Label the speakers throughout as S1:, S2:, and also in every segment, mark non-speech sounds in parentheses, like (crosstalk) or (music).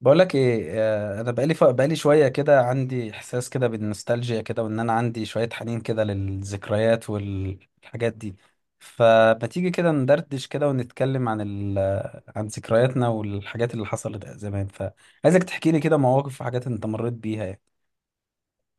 S1: بقول لك ايه انا بقالي بقالي شويه كده عندي احساس كده بالنوستالجيا كده وان انا عندي شويه حنين كده للذكريات والحاجات دي. فما تيجي كده ندردش كده ونتكلم عن ذكرياتنا والحاجات اللي حصلت زمان، فعايزك تحكي لي كده مواقف وحاجات انت مريت بيها يعني.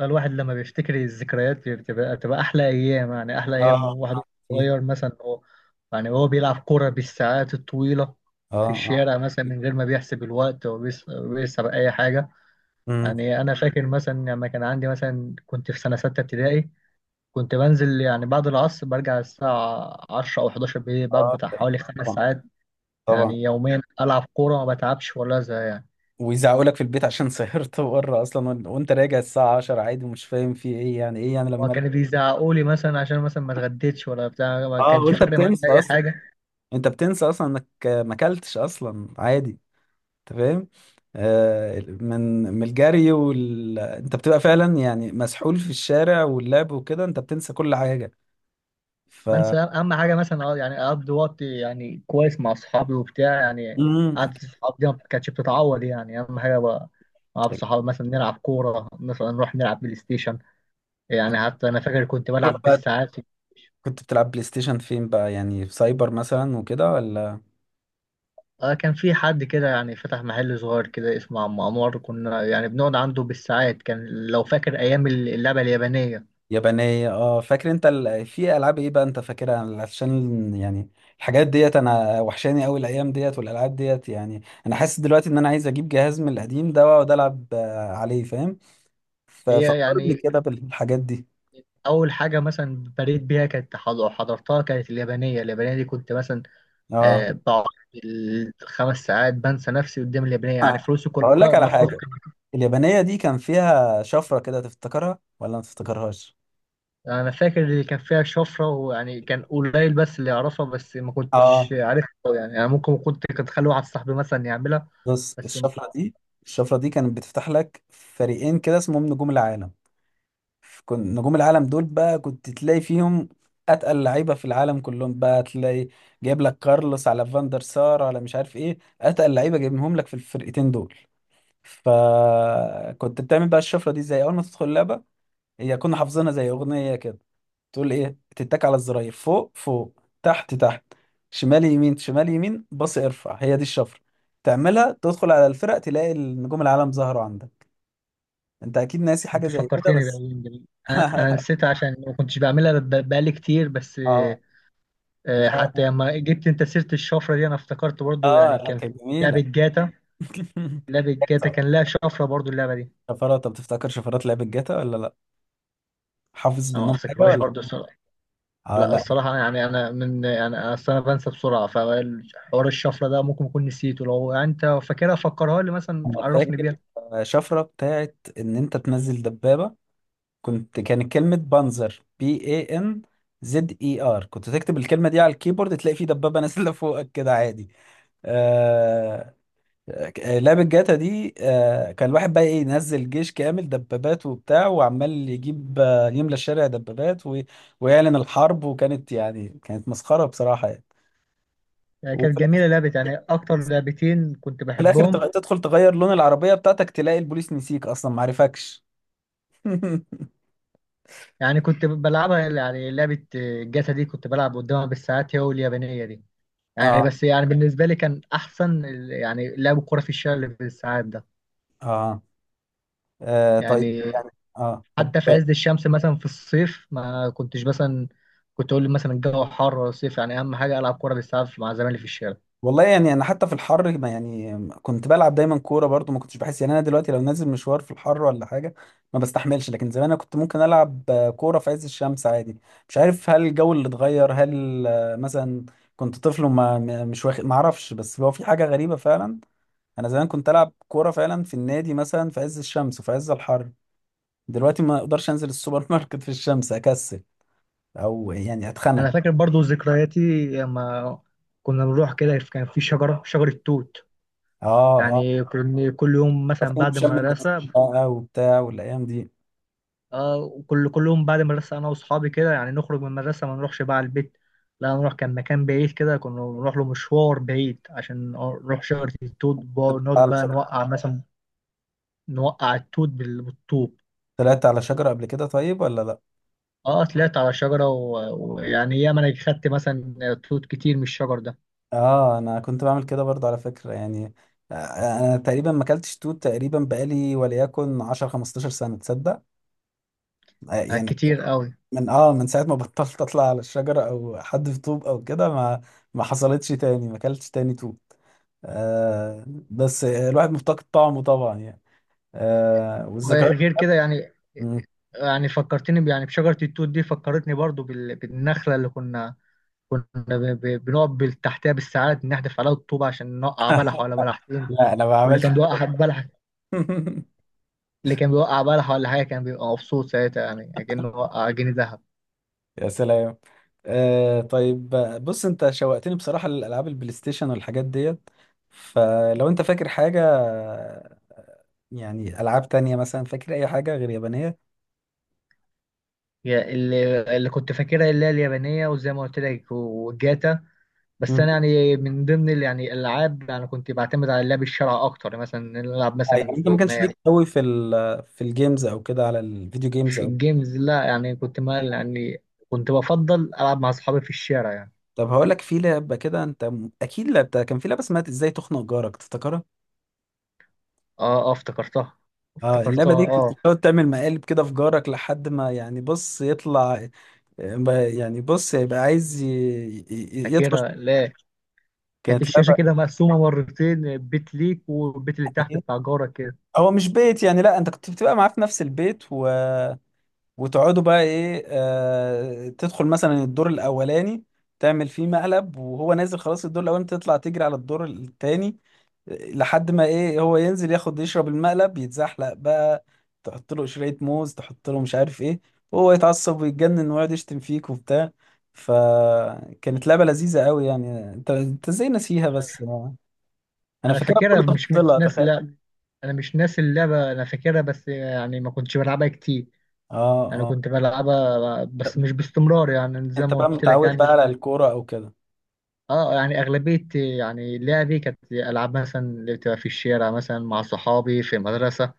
S2: الواحد لما بيفتكر الذكريات بتبقى احلى ايام. يعني احلى ايام
S1: اه.
S2: واحد
S1: إيه؟
S2: صغير مثلا. هو يعني هو بيلعب كرة بالساعات الطويلة
S1: اه
S2: في
S1: اه.
S2: الشارع مثلا من غير ما بيحسب الوقت وبيحسب اي حاجة.
S1: امم.
S2: يعني انا فاكر مثلا لما كان عندي مثلا كنت في سنة ستة ابتدائي، كنت بنزل يعني بعد العصر برجع الساعة 10 او 11 بالليل، بقعد
S1: اه،
S2: بتاع حوالي خمس
S1: طبعا
S2: ساعات
S1: طبعا.
S2: يعني يوميا العب كورة ما بتعبش ولا ازهق يعني.
S1: ويزعقوا لك في البيت عشان (laughs) سهرت بره اصلا، وانت راجع الساعه 10 عادي، ومش فاهم في ايه يعني، ايه يعني
S2: هو
S1: لما ارجع؟
S2: كانوا بيزعقوا لي مثلا عشان مثلا ما اتغديتش ولا بتاع، ما
S1: اه،
S2: كانش
S1: وانت
S2: فارق معايا
S1: بتنسى
S2: اي
S1: اصلا،
S2: حاجة.
S1: انت بتنسى اصلا انك ما اكلتش اصلا عادي، انت فاهم. من الجري انت بتبقى فعلا يعني مسحول في الشارع واللعب وكده، انت بتنسى كل حاجه. ف
S2: بنسى اهم حاجه مثلا، اه يعني اقضي وقت يعني كويس مع اصحابي وبتاع يعني.
S1: مم.
S2: قعدة الصحاب دي ما كانتش بتتعوض، يعني اهم حاجه بقى مع الصحاب. مثلا نلعب كوره، مثلا نروح نلعب بلاي ستيشن، يعني حتى انا فاكر كنت
S1: تروح
S2: بلعب
S1: بقى،
S2: بالساعات.
S1: كنت بتلعب بلاي ستيشن فين بقى؟ يعني في سايبر مثلا وكده، ولا
S2: آه كان في حد كده يعني فتح محل صغير كده اسمه عم انور، كنا يعني بنقعد عنده بالساعات، كان لو فاكر ايام اللعبه اليابانيه.
S1: يابانية؟ اه فاكر في العاب ايه بقى انت فاكرها؟ عشان يعني الحاجات ديت انا وحشاني قوي، الايام ديت والالعاب ديت يعني. انا حاسس دلوقتي ان انا عايز اجيب جهاز من القديم ده واقعد العب عليه، فاهم.
S2: هي
S1: ففكرني
S2: يعني
S1: كده بالحاجات دي.
S2: اول حاجه مثلا بريت بيها كانت حضرتها كانت اليابانيه. اليابانيه دي كنت مثلا
S1: اه.
S2: بقعد الخمس ساعات بنسى نفسي قدام اليابانية، يعني
S1: آه،
S2: فلوسي كلها
S1: هقول لك على
S2: مصروفة.
S1: حاجة. اليابانية دي كان فيها شفرة كده، تفتكرها ولا ما تفتكرهاش؟
S2: أنا فاكر اللي كان فيها شفرة، ويعني كان قليل بس اللي يعرفها، بس ما
S1: اه،
S2: كنتش عارفها أوي يعني. أنا ممكن كنت أخلي واحد صاحبي مثلا يعملها.
S1: بص
S2: بس ما-
S1: الشفرة دي، الشفرة دي كانت بتفتح لك فريقين كده اسمهم نجوم العالم. كنت نجوم العالم دول بقى كنت تلاقي فيهم اتقل لعيبة في العالم كلهم، بقى تلاقي جايب لك كارلوس على فاندر سار على مش عارف ايه، اتقل لعيبة جايبهم لك في الفرقتين دول. فكنت بتعمل بقى الشفرة دي ازاي اول ما تدخل اللعبة؟ هي كنا حافظينها زي اغنيه كده، تقول ايه، تتك على الزراير فوق فوق تحت تحت شمال يمين شمال يمين باص ارفع، هي دي الشفره. تعملها تدخل على الفرق، تلاقي النجوم العالم ظهروا عندك. انت اكيد ناسي حاجه
S2: أنت
S1: زي كده
S2: فكرتني
S1: بس.
S2: بأيام جميلة. أنا
S1: (laughs)
S2: نسيتها عشان ما كنتش بعملها، بقالي كتير بس.
S1: اه
S2: حتى
S1: لا،
S2: لما جبت أنت سيرة الشفرة دي أنا افتكرت برضو،
S1: اه
S2: يعني
S1: لا،
S2: كان في
S1: كانت
S2: لعبة
S1: جميله.
S2: جاتا.
S1: (laughs)
S2: لعبة جاتا
S1: طب
S2: كان لها شفرة برضو اللعبة دي.
S1: شفرات، طب تفتكر شفرات لعبه جاتا ولا لا؟ حافظ
S2: أنا ما
S1: منهم حاجه
S2: أفتكرهاش
S1: ولا؟
S2: برضو
S1: اه
S2: لا،
S1: لا،
S2: الصراحة يعني. أنا من يعني أنا أصل أنا بنسى بسرعة، فحوار الشفرة ده ممكن أكون نسيته. لو أنت فاكرها فكرها لي مثلا،
S1: انا
S2: عرفني
S1: فاكر.
S2: بيها.
S1: شفره بتاعت ان انت تنزل دبابه. كانت كلمة بانزر، بي اي ان زد اي ار، كنت تكتب الكلمة دي على الكيبورد تلاقي في دبابة نازلة (laughs) فوقك كده عادي. آه... لعبة جاتا دي كان الواحد بقى ايه، ينزل جيش كامل دبابات وبتاع، وعمال يجيب يملى الشارع دبابات ويعلن الحرب، وكانت يعني كانت مسخرة بصراحة يعني.
S2: يعني
S1: وفي
S2: كانت
S1: الآخر،
S2: جميلة لعبة، يعني أكتر لعبتين كنت
S1: في الآخر
S2: بحبهم.
S1: تدخل تغير لون العربية بتاعتك، تلاقي البوليس نسيك أصلا معرفكش. (laughs)
S2: يعني كنت بلعبها، يعني لعبة الجاتا دي كنت بلعب قدامها بالساعات، هي واليابانية دي. يعني
S1: اه
S2: بس يعني بالنسبة لي كان أحسن يعني لعب الكورة في الشارع اللي بالساعات ده.
S1: اه. طيب
S2: يعني
S1: يعني. اه طب.
S2: حتى في عز الشمس مثلا في الصيف ما كنتش مثلا كنت أقول مثلا الجو حر ولا صيف يعني، أهم حاجة ألعب كورة بالساعات مع زمايلي في الشارع.
S1: والله يعني انا حتى في الحر ما يعني كنت بلعب دايما كوره برضو، ما كنتش بحس يعني، انا دلوقتي لو نازل مشوار في الحر ولا حاجه ما بستحملش. لكن زمان انا كنت ممكن العب كوره في عز الشمس عادي. مش عارف، هل الجو اللي اتغير، هل مثلا كنت طفل مش واخد ما اعرفش، بس هو في حاجه غريبه فعلا. انا زمان كنت العب كوره فعلا في النادي مثلا في عز الشمس وفي عز الحر، دلوقتي ما اقدرش انزل السوبر ماركت في الشمس، اكسل او يعني اتخنق.
S2: انا فاكر برضو ذكرياتي لما كنا بنروح كده، كان في شجره، شجره توت،
S1: اه اه.
S2: يعني كنا كل يوم مثلا
S1: بكون
S2: بعد
S1: في شم النسيم
S2: المدرسه.
S1: بقى وبتاع والايام
S2: آه كل يوم بعد المدرسه انا واصحابي كده يعني نخرج من المدرسه ما نروحش بقى على البيت. لا نروح كان مكان بعيد كده، كنا بنروح له مشوار بعيد عشان نروح شجره التوت نقعد بقى
S1: دي.
S2: نوقع مثلا، نوقع التوت بالطوب.
S1: طلعت على شجرة قبل كده طيب ولا لا؟
S2: اه طلعت على شجره ويعني ياما انا خدت مثلا توت كتير من الشجر ده.
S1: اه انا كنت بعمل كده برضه على فكرة يعني. آه، انا تقريبا ما اكلتش توت تقريبا بقالي وليكن 10 15 سنة، تصدق؟
S2: آه،
S1: يعني
S2: كتير قوي.
S1: من من ساعة ما (laughs) بطلت اطلع على الشجرة او حد في طوب او كده، ما ما حصلتش تاني، ما اكلتش تاني توت. آه بس الواحد مفتقد طعمه طبعا يعني. آه، والذكريات.
S2: غير كده يعني.
S1: مم.
S2: يعني فكرتني يعني بشجرة التوت دي، فكرتني برضو بالنخلة اللي كنا كنا بنقف تحتها بالساعات، نحدف عليها الطوبة عشان نوقع بلح ولا بلحتين.
S1: لا انا ما
S2: واللي
S1: عملت.
S2: كان بيوقع (laughs) بلح،
S1: (laughs)
S2: اللي كان بيوقع بلح ولا حاجة كان بيبقى مبسوط ساعتها، يعني كأنه وقع جنيه ذهب.
S1: يا سلام. آه طيب، بص انت شوقتني بصراحة للألعاب البلاي ستيشن والحاجات ديت، فلو انت فاكر حاجة، يعني ألعاب تانية مثلا، فاكر أي حاجة غير يابانية؟
S2: اللي كنت فاكرها اللي هي اليابانية، وزي ما قلت لك، وجاتا. بس
S1: مم.
S2: أنا يعني من ضمن يعني الألعاب يعني كنت بعتمد على اللعب الشرعي أكتر، مثلا نلعب مثلا
S1: يعني انت ما كانش
S2: استغماية.
S1: ليك قوي في ال، في الجيمز او كده، على الفيديو جيمز
S2: في
S1: او؟
S2: الجيمز لا يعني كنت مال يعني، كنت بفضل ألعب مع أصحابي في الشارع يعني.
S1: طب هقول لك في لعبة كده انت اكيد لعبتها، كان في لعبة اسمها ازاي تخنق جارك، تفتكرها؟
S2: اه افتكرتها
S1: اه،
S2: افتكرتها
S1: اللعبة دي كنت
S2: اه.
S1: بتقعد تعمل مقالب كده في جارك لحد ما يعني بص يطلع، يعني بص يبقى عايز يطفش.
S2: فاكرها لا، كانت
S1: كانت
S2: الشاشة كده مقسومة مرتين، بيت ليك والبيت اللي تحت
S1: إيه؟
S2: بتاع جارك كده.
S1: هو مش بيت يعني، لا انت كنت بتبقى معاه في نفس البيت وتقعدوا بقى ايه، تدخل مثلا الدور الاولاني تعمل فيه مقلب، وهو نازل خلاص الدور الاولاني تطلع تجري على الدور التاني لحد ما ايه، هو ينزل ياخد يشرب المقلب يتزحلق بقى، تحط له قشرية موز، تحط له مش عارف ايه، وهو يتعصب ويتجنن ويقعد يشتم فيك وبتاع. فكانت لعبة لذيذة قوي يعني، انت انت ازاي ناسيها بس؟ انا
S2: أنا
S1: فاكرها
S2: فاكرها،
S1: بكل
S2: مش مش
S1: تفاصيلها،
S2: ناس
S1: تخيل.
S2: لا. أنا مش ناسي اللعبة أنا فاكرها، بس يعني ما كنتش بلعبها كتير.
S1: اه.
S2: يعني
S1: آه.
S2: كنت بلعبها بس مش باستمرار يعني، زي
S1: انت
S2: ما
S1: بقى
S2: قلت لك
S1: متعود بقى
S2: يعني.
S1: على الكورة او كده.
S2: اه يعني أغلبية يعني لعبي كانت ألعاب مثلا اللي بتبقى في الشارع، مثلا مع صحابي في مدرسة.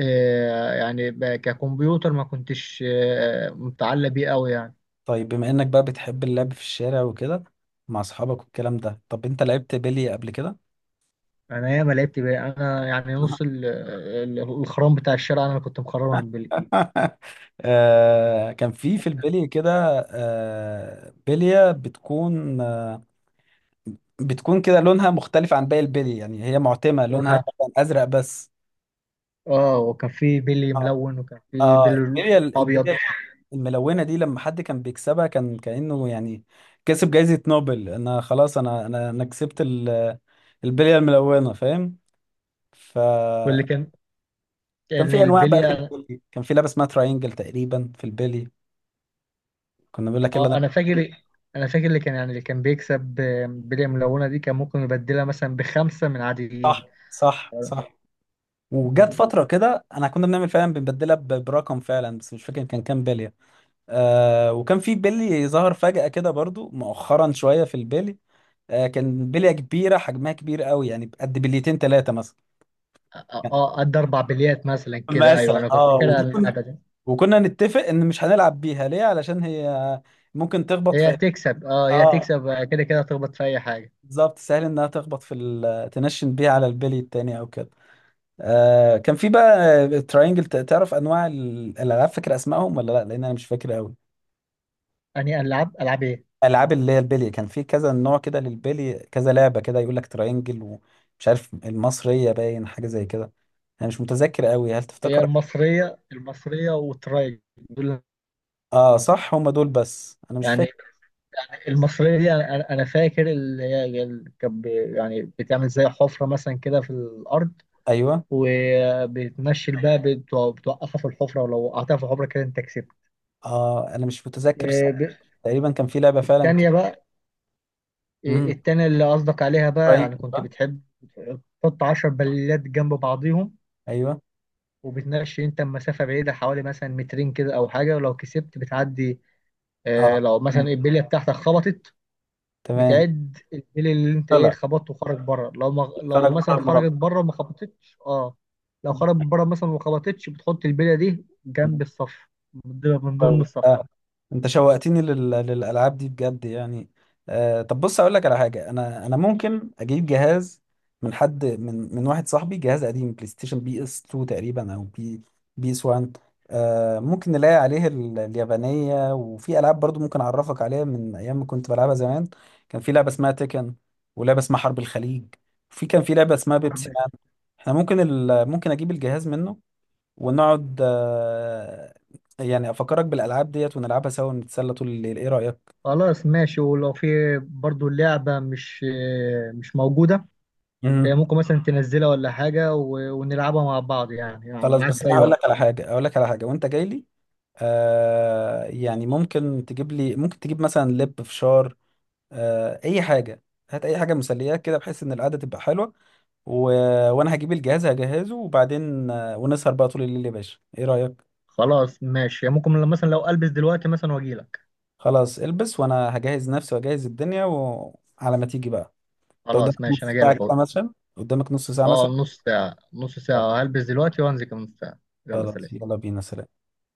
S2: آه، يعني ككمبيوتر ما كنتش متعلق بيه قوي يعني.
S1: طيب بما انك بقى بتحب اللعب في الشارع وكده مع اصحابك والكلام ده، طب انت لعبت بيلي قبل كده؟
S2: انا ياما لعبت بيه. انا يعني نص الخرام بتاع الشارع انا اللي كنت مخرمها من بيلي.
S1: (laughs) آه كان في، في البلي كده، آه بلية بتكون آه بتكون كده لونها مختلف عن باقي البلي يعني، هي معتمة لونها
S2: وأنا-
S1: مثلا ازرق بس.
S2: اه وكان في بيلي ملون، وكان في
S1: اه،
S2: بيلي
S1: البلية،
S2: ابيض.
S1: البلية الملونة دي لما حد كان بيكسبها كان كأنه يعني كسب جايزة نوبل، انا خلاص، انا انا انا كسبت البلية الملونة، فاهم.
S2: واللي
S1: فكان
S2: كان يعني
S1: في انواع بقى في
S2: البلي،
S1: البلي، كان في لعبة اسمها تراينجل تقريبا في البلي، كنا بنقول لك يلا
S2: اه
S1: نلعب.
S2: انا فاكر اللي كان يعني اللي كان بيكسب بلي ملونه دي كان ممكن يبدلها مثلا بخمسه من
S1: صح
S2: عاديين.
S1: صح صح. وجت
S2: مم.
S1: فترة كده انا كنا بنعمل فعلا بنبدلها برقم فعلا، بس مش فاكر كان كام بلية. آه وكان في بلي ظهر فجأة كده برضو مؤخرا شوية في البلي، آه كان بلية كبيرة حجمها كبير قوي، يعني قد بليتين ثلاثة مثلا.
S2: اه آه، قد اربع بليات مثلا كده، ايوه
S1: مثلا
S2: انا كنت
S1: اه،
S2: فاكرها اللعبه دي.
S1: وكنا نتفق ان مش هنلعب بيها ليه، علشان هي ممكن تخبط في
S2: هي
S1: إيه؟
S2: تكسب، اه هي
S1: اه
S2: تكسب آه، كده كده تخبط في اي حاجه.
S1: بالظبط، سهل انها تخبط تنشن بيها على البلي التاني او كده. آه كان في بقى تراينجل، تعرف انواع الالعاب؟ فاكر اسمائهم ولا لا؟ لان انا مش فاكر قوي.
S2: اني العب، العب ايه.
S1: العاب اللي هي البلي، كان في كذا نوع كده للبلي، كذا لعبه كده، يقول لك تراينجل ومش عارف المصريه، باين حاجه زي كده. انا مش متذكر قوي، هل
S2: هي
S1: تفتكر؟
S2: المصريه، المصريه دول
S1: اه صح، هم دول بس انا مش
S2: يعني.
S1: فاكر.
S2: يعني المصريه دي انا انا أنا فاكر اللي هي اللي كانت يعني بتعمل زي حفره مثلا كده في الارض،
S1: ايوه.
S2: وبتمشي الباء بتوقفها في الحفره، ولو وقعتها في الحفره كده انت كسبت.
S1: اه انا مش متذكر،
S2: آه، ب-
S1: تقريبا كان في لعبة فعلا
S2: التانيه
S1: كده.
S2: بقى.
S1: امم.
S2: التانيه اللي قصدك عليها بقى،
S1: براين
S2: يعني كنت
S1: بقى.
S2: بتحب تحط 10 بليات جنب بعضيهم،
S1: (laughs) ايوه.
S2: وبتناقش انت مسافه بعيده حوالي مثلا مترين كده او حاجه، ولو كسبت بتعدي.
S1: اه
S2: آه لو مثلا البليه بتاعتك خبطت،
S1: تمام.
S2: بتعد البلي اللي انت ايه
S1: طلع،
S2: خبطته وخرج بره. لو ما لو
S1: طلع بره
S2: مثلا خرجت
S1: المربع.
S2: بره ما خبطتش اه، لو خرجت بره مثلا وما خبطتش بتحط البليه دي جنب الصف، من ضمن الصف.
S1: آه. انت شوقتني للالعاب دي بجد يعني. آه طب بص اقول لك على حاجه، انا انا ممكن اجيب جهاز من حد من واحد صاحبي، جهاز قديم بلاي ستيشن، بي اس 2 تقريبا او بي اس 1. آه ممكن نلاقي عليه اليابانيه، وفي العاب برضو ممكن اعرفك عليها من ايام ما كنت بلعبها زمان. كان في لعبه اسمها تيكن، ولعبه اسمها حرب الخليج، وفي كان في لعبه اسمها بيبسي مان. احنا ممكن ممكن اجيب الجهاز منه، ونقعد يعني افكرك بالالعاب ديت ونلعبها سوا ونتسلى طول الليل، ايه رايك؟
S2: خلاص ماشي. ولو في برضو اللعبه مش مش موجوده،
S1: مم.
S2: ممكن مثلا تنزلها ولا حاجه ونلعبها مع بعض، يعني يعني
S1: خلاص،
S2: معاك
S1: بس
S2: في
S1: انا
S2: اي
S1: هقول لك
S2: وقت.
S1: على حاجه، هقول لك على حاجه وانت جاي لي، آه يعني ممكن تجيب لي، ممكن تجيب مثلا لب، فشار، آه اي حاجه، هات اي حاجه مسليات كده، بحيث ان القعده تبقى حلوه، و... وانا هجيب الجهاز هجهزه، وبعدين آه ونسهر بقى طول الليل يا باشا، ايه رايك؟
S2: خلاص ماشي، يعني ممكن مثلا لو البس دلوقتي مثلا واجي لك.
S1: خلاص، البس وانا هجهز نفسي واجهز الدنيا، وعلى ما تيجي بقى انت قدامك
S2: خلاص
S1: نص
S2: ماشي، انا جاي
S1: ساعه
S2: لك
S1: كده
S2: اهو.
S1: مثلا، قدامك نص ساعه
S2: اه
S1: مثلا.
S2: نص ساعة، نص ساعة هلبس دلوقتي وانزل كمان نص ساعة. يلا
S1: خلاص
S2: سلام.
S1: يلا بينا، سلام.